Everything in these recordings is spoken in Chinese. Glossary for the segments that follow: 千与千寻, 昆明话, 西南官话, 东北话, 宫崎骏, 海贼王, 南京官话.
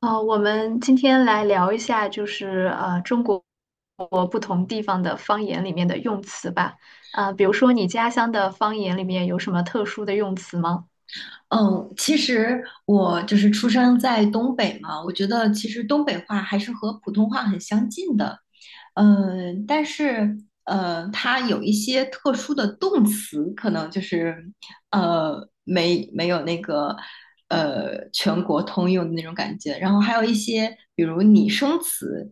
我们今天来聊一下，就是中国不同地方的方言里面的用词吧。啊，比如说你家乡的方言里面有什么特殊的用词吗？嗯，其实我就是出生在东北嘛，我觉得其实东北话还是和普通话很相近的，但是它有一些特殊的动词，可能就是没有那个全国通用的那种感觉，然后还有一些比如拟声词，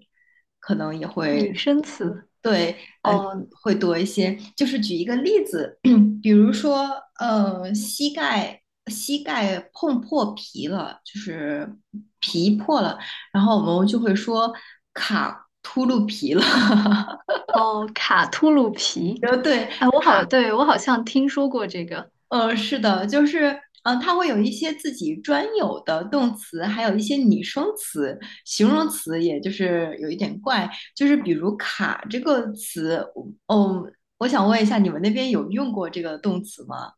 拟声词？对。哦会多一些。就是举一个例子，比如说，膝盖碰破皮了，就是皮破了，然后我们就会说卡秃噜皮了。哦，卡秃噜皮。然后对，哎，对，我好像听说过这个是的，就是。嗯，它会有一些自己专有的动词，还有一些拟声词、形容词，也就是有一点怪。就是比如"卡"这个词，我想问一下，你们那边有用过这个动词吗？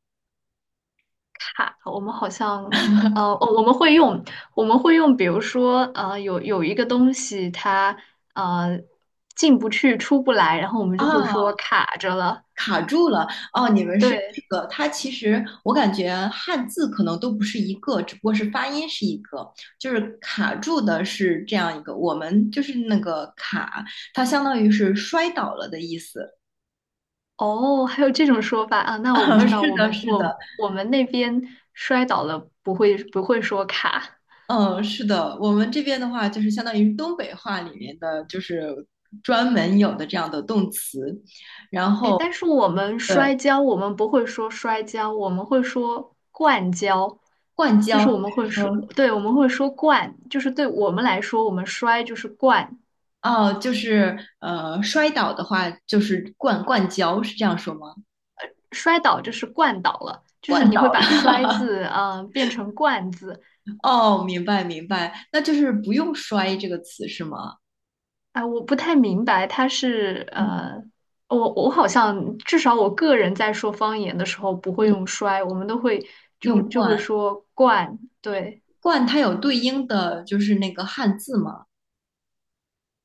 卡，我们好像。呃，哦，我们会用，我们会用，比如说，有一个东西它呃进不去、出不来，然后我们就会说啊，卡着了。卡住了哦，你们是这对，个，它其实我感觉汉字可能都不是一个，只不过是发音是一个，就是卡住的是这样一个，我们就是那个卡，它相当于是摔倒了的意思。哦，还有这种说法啊？那我不啊，知道，是的，哦是的，我们那边摔倒了不会说卡，嗯，是的，我们这边的话就是相当于东北话里面的，就是专门有的这样的动词，然哎，但后是我们对，摔跤，我们不会说摔跤，我们会说灌跤，灌就胶，是我们会说，说对，我们会说灌，就是对我们来说，我们摔就是灌，哦，就是摔倒的话就是灌胶，是这样说吗？摔倒就是灌倒了，就是灌你会倒把了。摔字变成灌字，哦，明白明白，那就是不用"摔"这个词是吗？啊，我不太明白，我好像至少我个人在说方言的时候不会嗯，用摔，我们都会用就会“灌”，说惯，对，“灌"它有对应的就是那个汉字吗？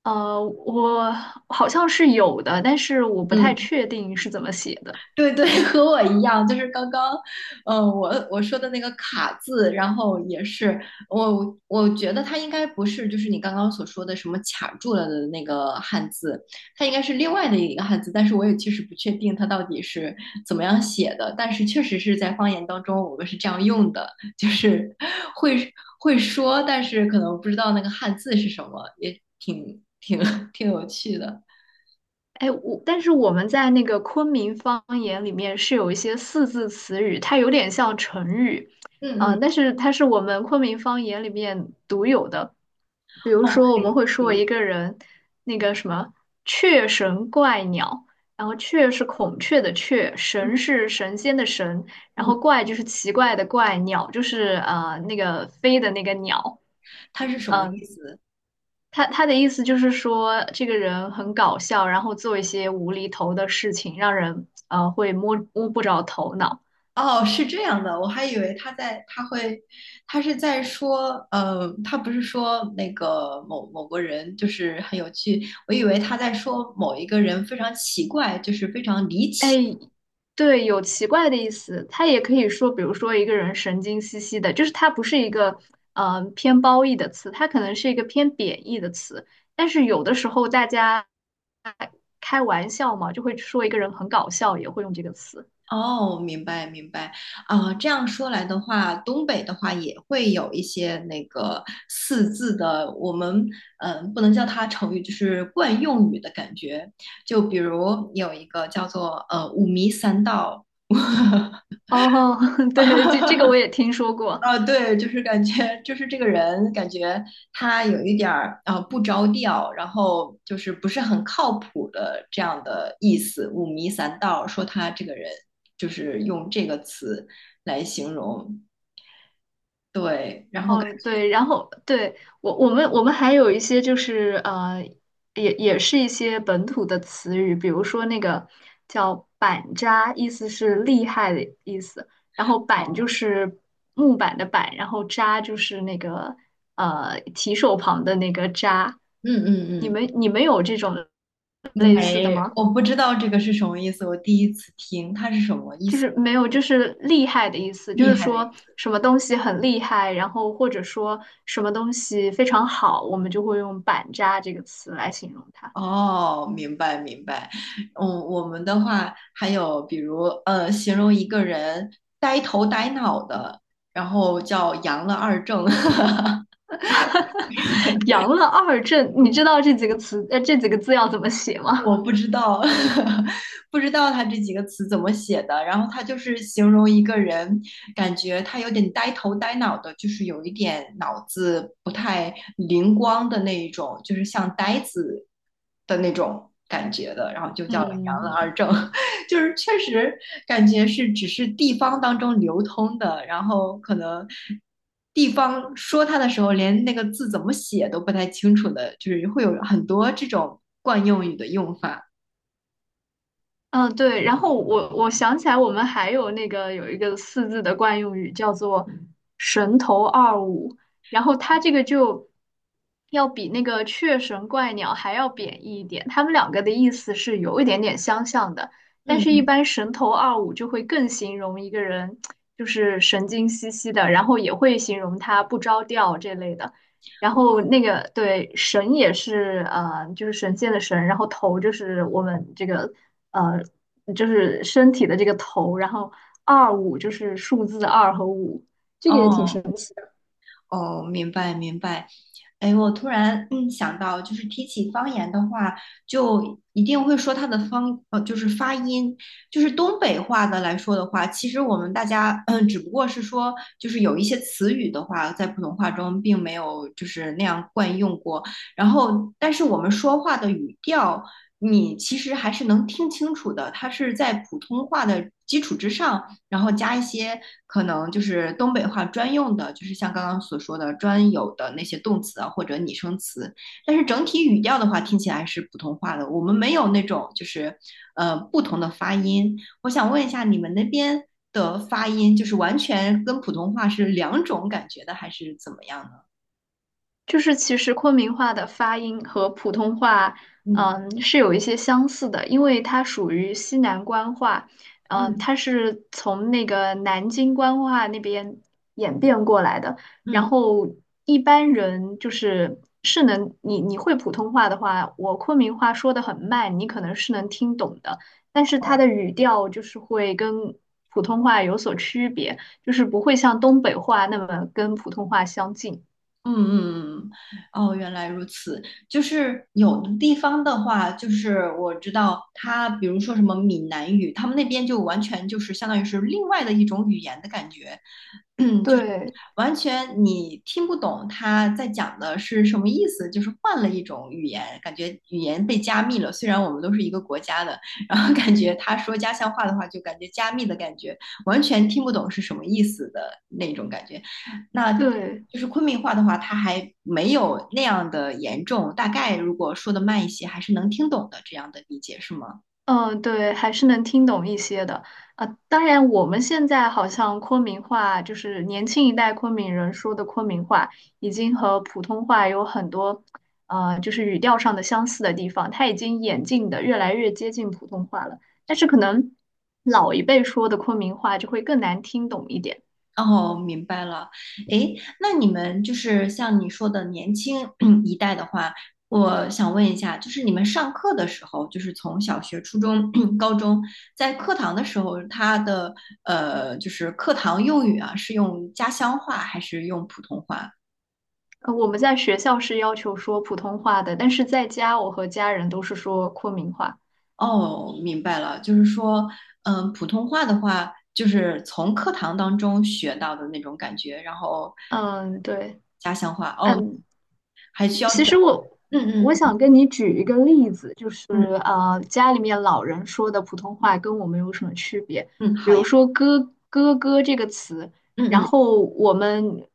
我好像是有的，但是我不太嗯。确定是怎么写的。对对，和我一样，就是刚刚，我说的那个卡字，然后也是我觉得它应该不是就是你刚刚所说的什么卡住了的那个汉字，它应该是另外的一个汉字，但是我也确实不确定它到底是怎么样写的，但是确实是在方言当中我们是这样用的，就是会会说，但是可能不知道那个汉字是什么，也挺有趣的。哎，我但是我们在那个昆明方言里面是有一些四字词语，它有点像成语，嗯嗯，但是它是我们昆明方言里面独有的。比如哦，说，可我们以，会说一个人那个什么“雀神怪鸟”，然后“雀”是孔雀的“雀”，“神”嗯是神仙的“神”，然嗯。后“怪”就是奇怪的“怪”，“鸟”就是那个飞的那个鸟，他是什么意嗯、思？他的意思就是说，这个人很搞笑，然后做一些无厘头的事情，让人会摸不着头脑。哦，是这样的，我还以为他在他会，他是在说，他不是说那个某某个人就是很有趣，我以为他在说某一个人非常奇怪，就是非常离哎，奇。对，有奇怪的意思。他也可以说，比如说一个人神经兮兮的，就是它不是一个偏褒义的词，它可能是一个偏贬义的词。但是有的时候大家开玩笑嘛，就会说一个人很搞笑，也会用这个词。哦，明白明白啊，这样说来的话，东北的话也会有一些那个四字的，我们不能叫它成语，就是惯用语的感觉。就比如有一个叫做五迷三道，哦，对，这个我也听说过。啊，对，就是感觉，就是这个人感觉他有一点儿啊、不着调，然后就是不是很靠谱的这样的意思，五迷三道，说他这个人就是用这个词来形容，对，然后感哦，对，然后我们还有一些就是也是一些本土的词语，比如说那个叫板扎，意思是厉害的意思，然觉后板哦，就是木板的板，然后扎就是那个提手旁的那个扎，嗯嗯你们有这种嗯，类似的没，吗？我不知道这个是什么意思，我第一次听，他是什么意就思？是没有，就是厉害的意思，就厉是害的。说什么东西很厉害，然后或者说什么东西非常好，我们就会用“板扎”这个词来形容它。哦，明白明白。嗯，我们的话还有比如形容一个人呆头呆脑的，然后叫"阳了二正"，杨乐二正，你知道这几个词，这几个字要怎么写 吗？我不知道 不知道他这几个词怎么写的。然后他就是形容一个人，感觉他有点呆头呆脑的，就是有一点脑子不太灵光的那一种，就是像呆子的那种感觉的，然后就叫"阳了嗯。二正"，就是确实感觉是只是地方当中流通的，然后可能地方说它的时候，连那个字怎么写都不太清楚的，就是会有很多这种惯用语的用法。嗯，对，然后我想起来，我们还有那个有一个四字的惯用语叫做“神头二五”，然后它这个就要比那个“雀神怪鸟”还要贬义一点，它们两个的意思是有一点点相像的，但是一嗯，般“神头二五”就会更形容一个人就是神经兮兮的，然后也会形容他不着调这类的。然后神也是就是神仙的神，然后头就是我们这个呃，就是身体的这个头，然后二五就是数字二和五，这个也挺哦，神奇。哦，明白明白。哎，我突然想到，就是提起方言的话，就一定会说它的就是发音，就是东北话的来说的话，其实我们大家只不过是说，就是有一些词语的话，在普通话中并没有就是那样惯用过。然后，但是我们说话的语调，你其实还是能听清楚的，它是在普通话的基础之上。然后加一些可能就是东北话专用的，就是像刚刚所说的专有的那些动词啊或者拟声词。但是整体语调的话，听起来是普通话的，我们没有那种就是不同的发音。我想问一下，你们那边的发音就是完全跟普通话是两种感觉的，还是怎么样呢？就是其实昆明话的发音和普通话，嗯嗯，是有一些相似的，因为它属于西南官话，嗯，嗯它是从那个南京官话那边演变过来的。然嗯，后一般人就是是能，你会普通话的话，我昆明话说的很慢，你可能是能听懂的，但是它哦。的语调就是会跟普通话有所区别，就是不会像东北话那么跟普通话相近。嗯嗯嗯，哦，原来如此。就是有的地方的话，就是我知道他，比如说什么闽南语，他们那边就完全就是相当于是另外的一种语言的感觉。嗯，就是对。完全你听不懂他在讲的是什么意思，就是换了一种语言，感觉语言被加密了。虽然我们都是一个国家的，然后感觉他说家乡话的话，就感觉加密的感觉，完全听不懂是什么意思的那种感觉。那对，就是昆明话的话，它还没有那样的严重，大概如果说的慢一些，还是能听懂的这样的理解，是吗？嗯，对，还是能听懂一些的啊。当然，我们现在好像昆明话，就是年轻一代昆明人说的昆明话，已经和普通话有很多，就是语调上的相似的地方，它已经演进的越来越接近普通话了。但是可能老一辈说的昆明话就会更难听懂一点。哦，明白了。诶，那你们就是像你说的年轻 一代的话，我想问一下，就是你们上课的时候，就是从小学、初中、高中，在课堂的时候，他的就是课堂用语啊，是用家乡话还是用普通话？呃，我们在学校是要求说普通话的，但是在家我和家人都是说昆明话。哦，明白了，就是说，普通话的话，就是从课堂当中学到的那种感觉，然后嗯，对，家乡话，哦，嗯，还需要其实转，嗯我想嗯。跟你举一个例子，就是嗯家里面老人说的普通话跟我们有什么区别？嗯，比好呀，如说“哥哥”这个词，然嗯嗯，后我们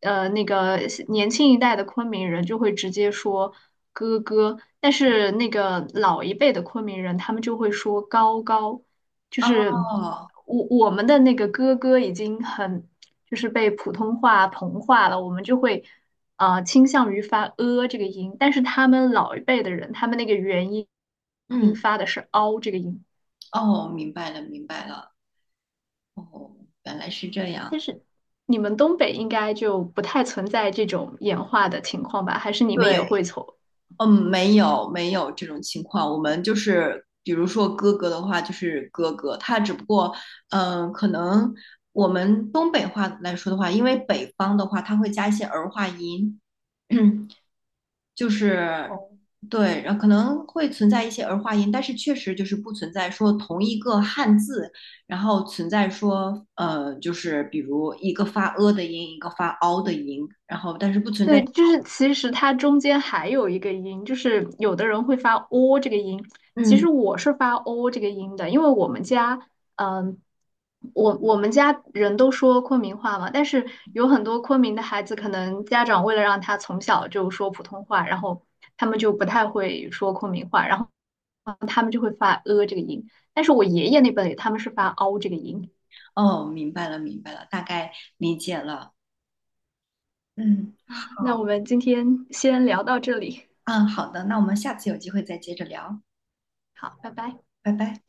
呃那个年轻一代的昆明人就会直接说“哥哥”，但是那个老一辈的昆明人他们就会说“高高”，就是哦，我们的那个“哥哥”已经很就是被普通话同化了，我们就会。倾向于发呃这个音，但是他们老一辈的人，他们那个音嗯，发的是凹这个音，哦，明白了，明白了，哦，原来是这但样。是你们东北应该就不太存在这种演化的情况吧？还是你们也对，会从？嗯，没有没有这种情况，我们就是比如说哥哥的话，就是哥哥，他只不过，可能我们东北话来说的话，因为北方的话，他会加一些儿化音，就是哦对，然后可能会存在一些儿化音，但是确实就是不存在说同一个汉字，然后存在说就是比如一个发呃的音，一个发凹的音，然后但是不存在。对，就是其实它中间还有一个音，就是有的人会发 o 这个音，其嗯，实我是发 o 这个音的，因为我们家，嗯，我们家人都说昆明话嘛，但是有很多昆明的孩子，可能家长为了让他从小就说普通话，然后他们就不太会说昆明话，然后他们就会发呃这个音，但是我爷爷那辈他们是发 o 这个音。哦，明白了，明白了，大概理解了。嗯，那好，我们今天先聊到这里，嗯，好的，那我们下次有机会再接着聊，好，拜拜。拜拜。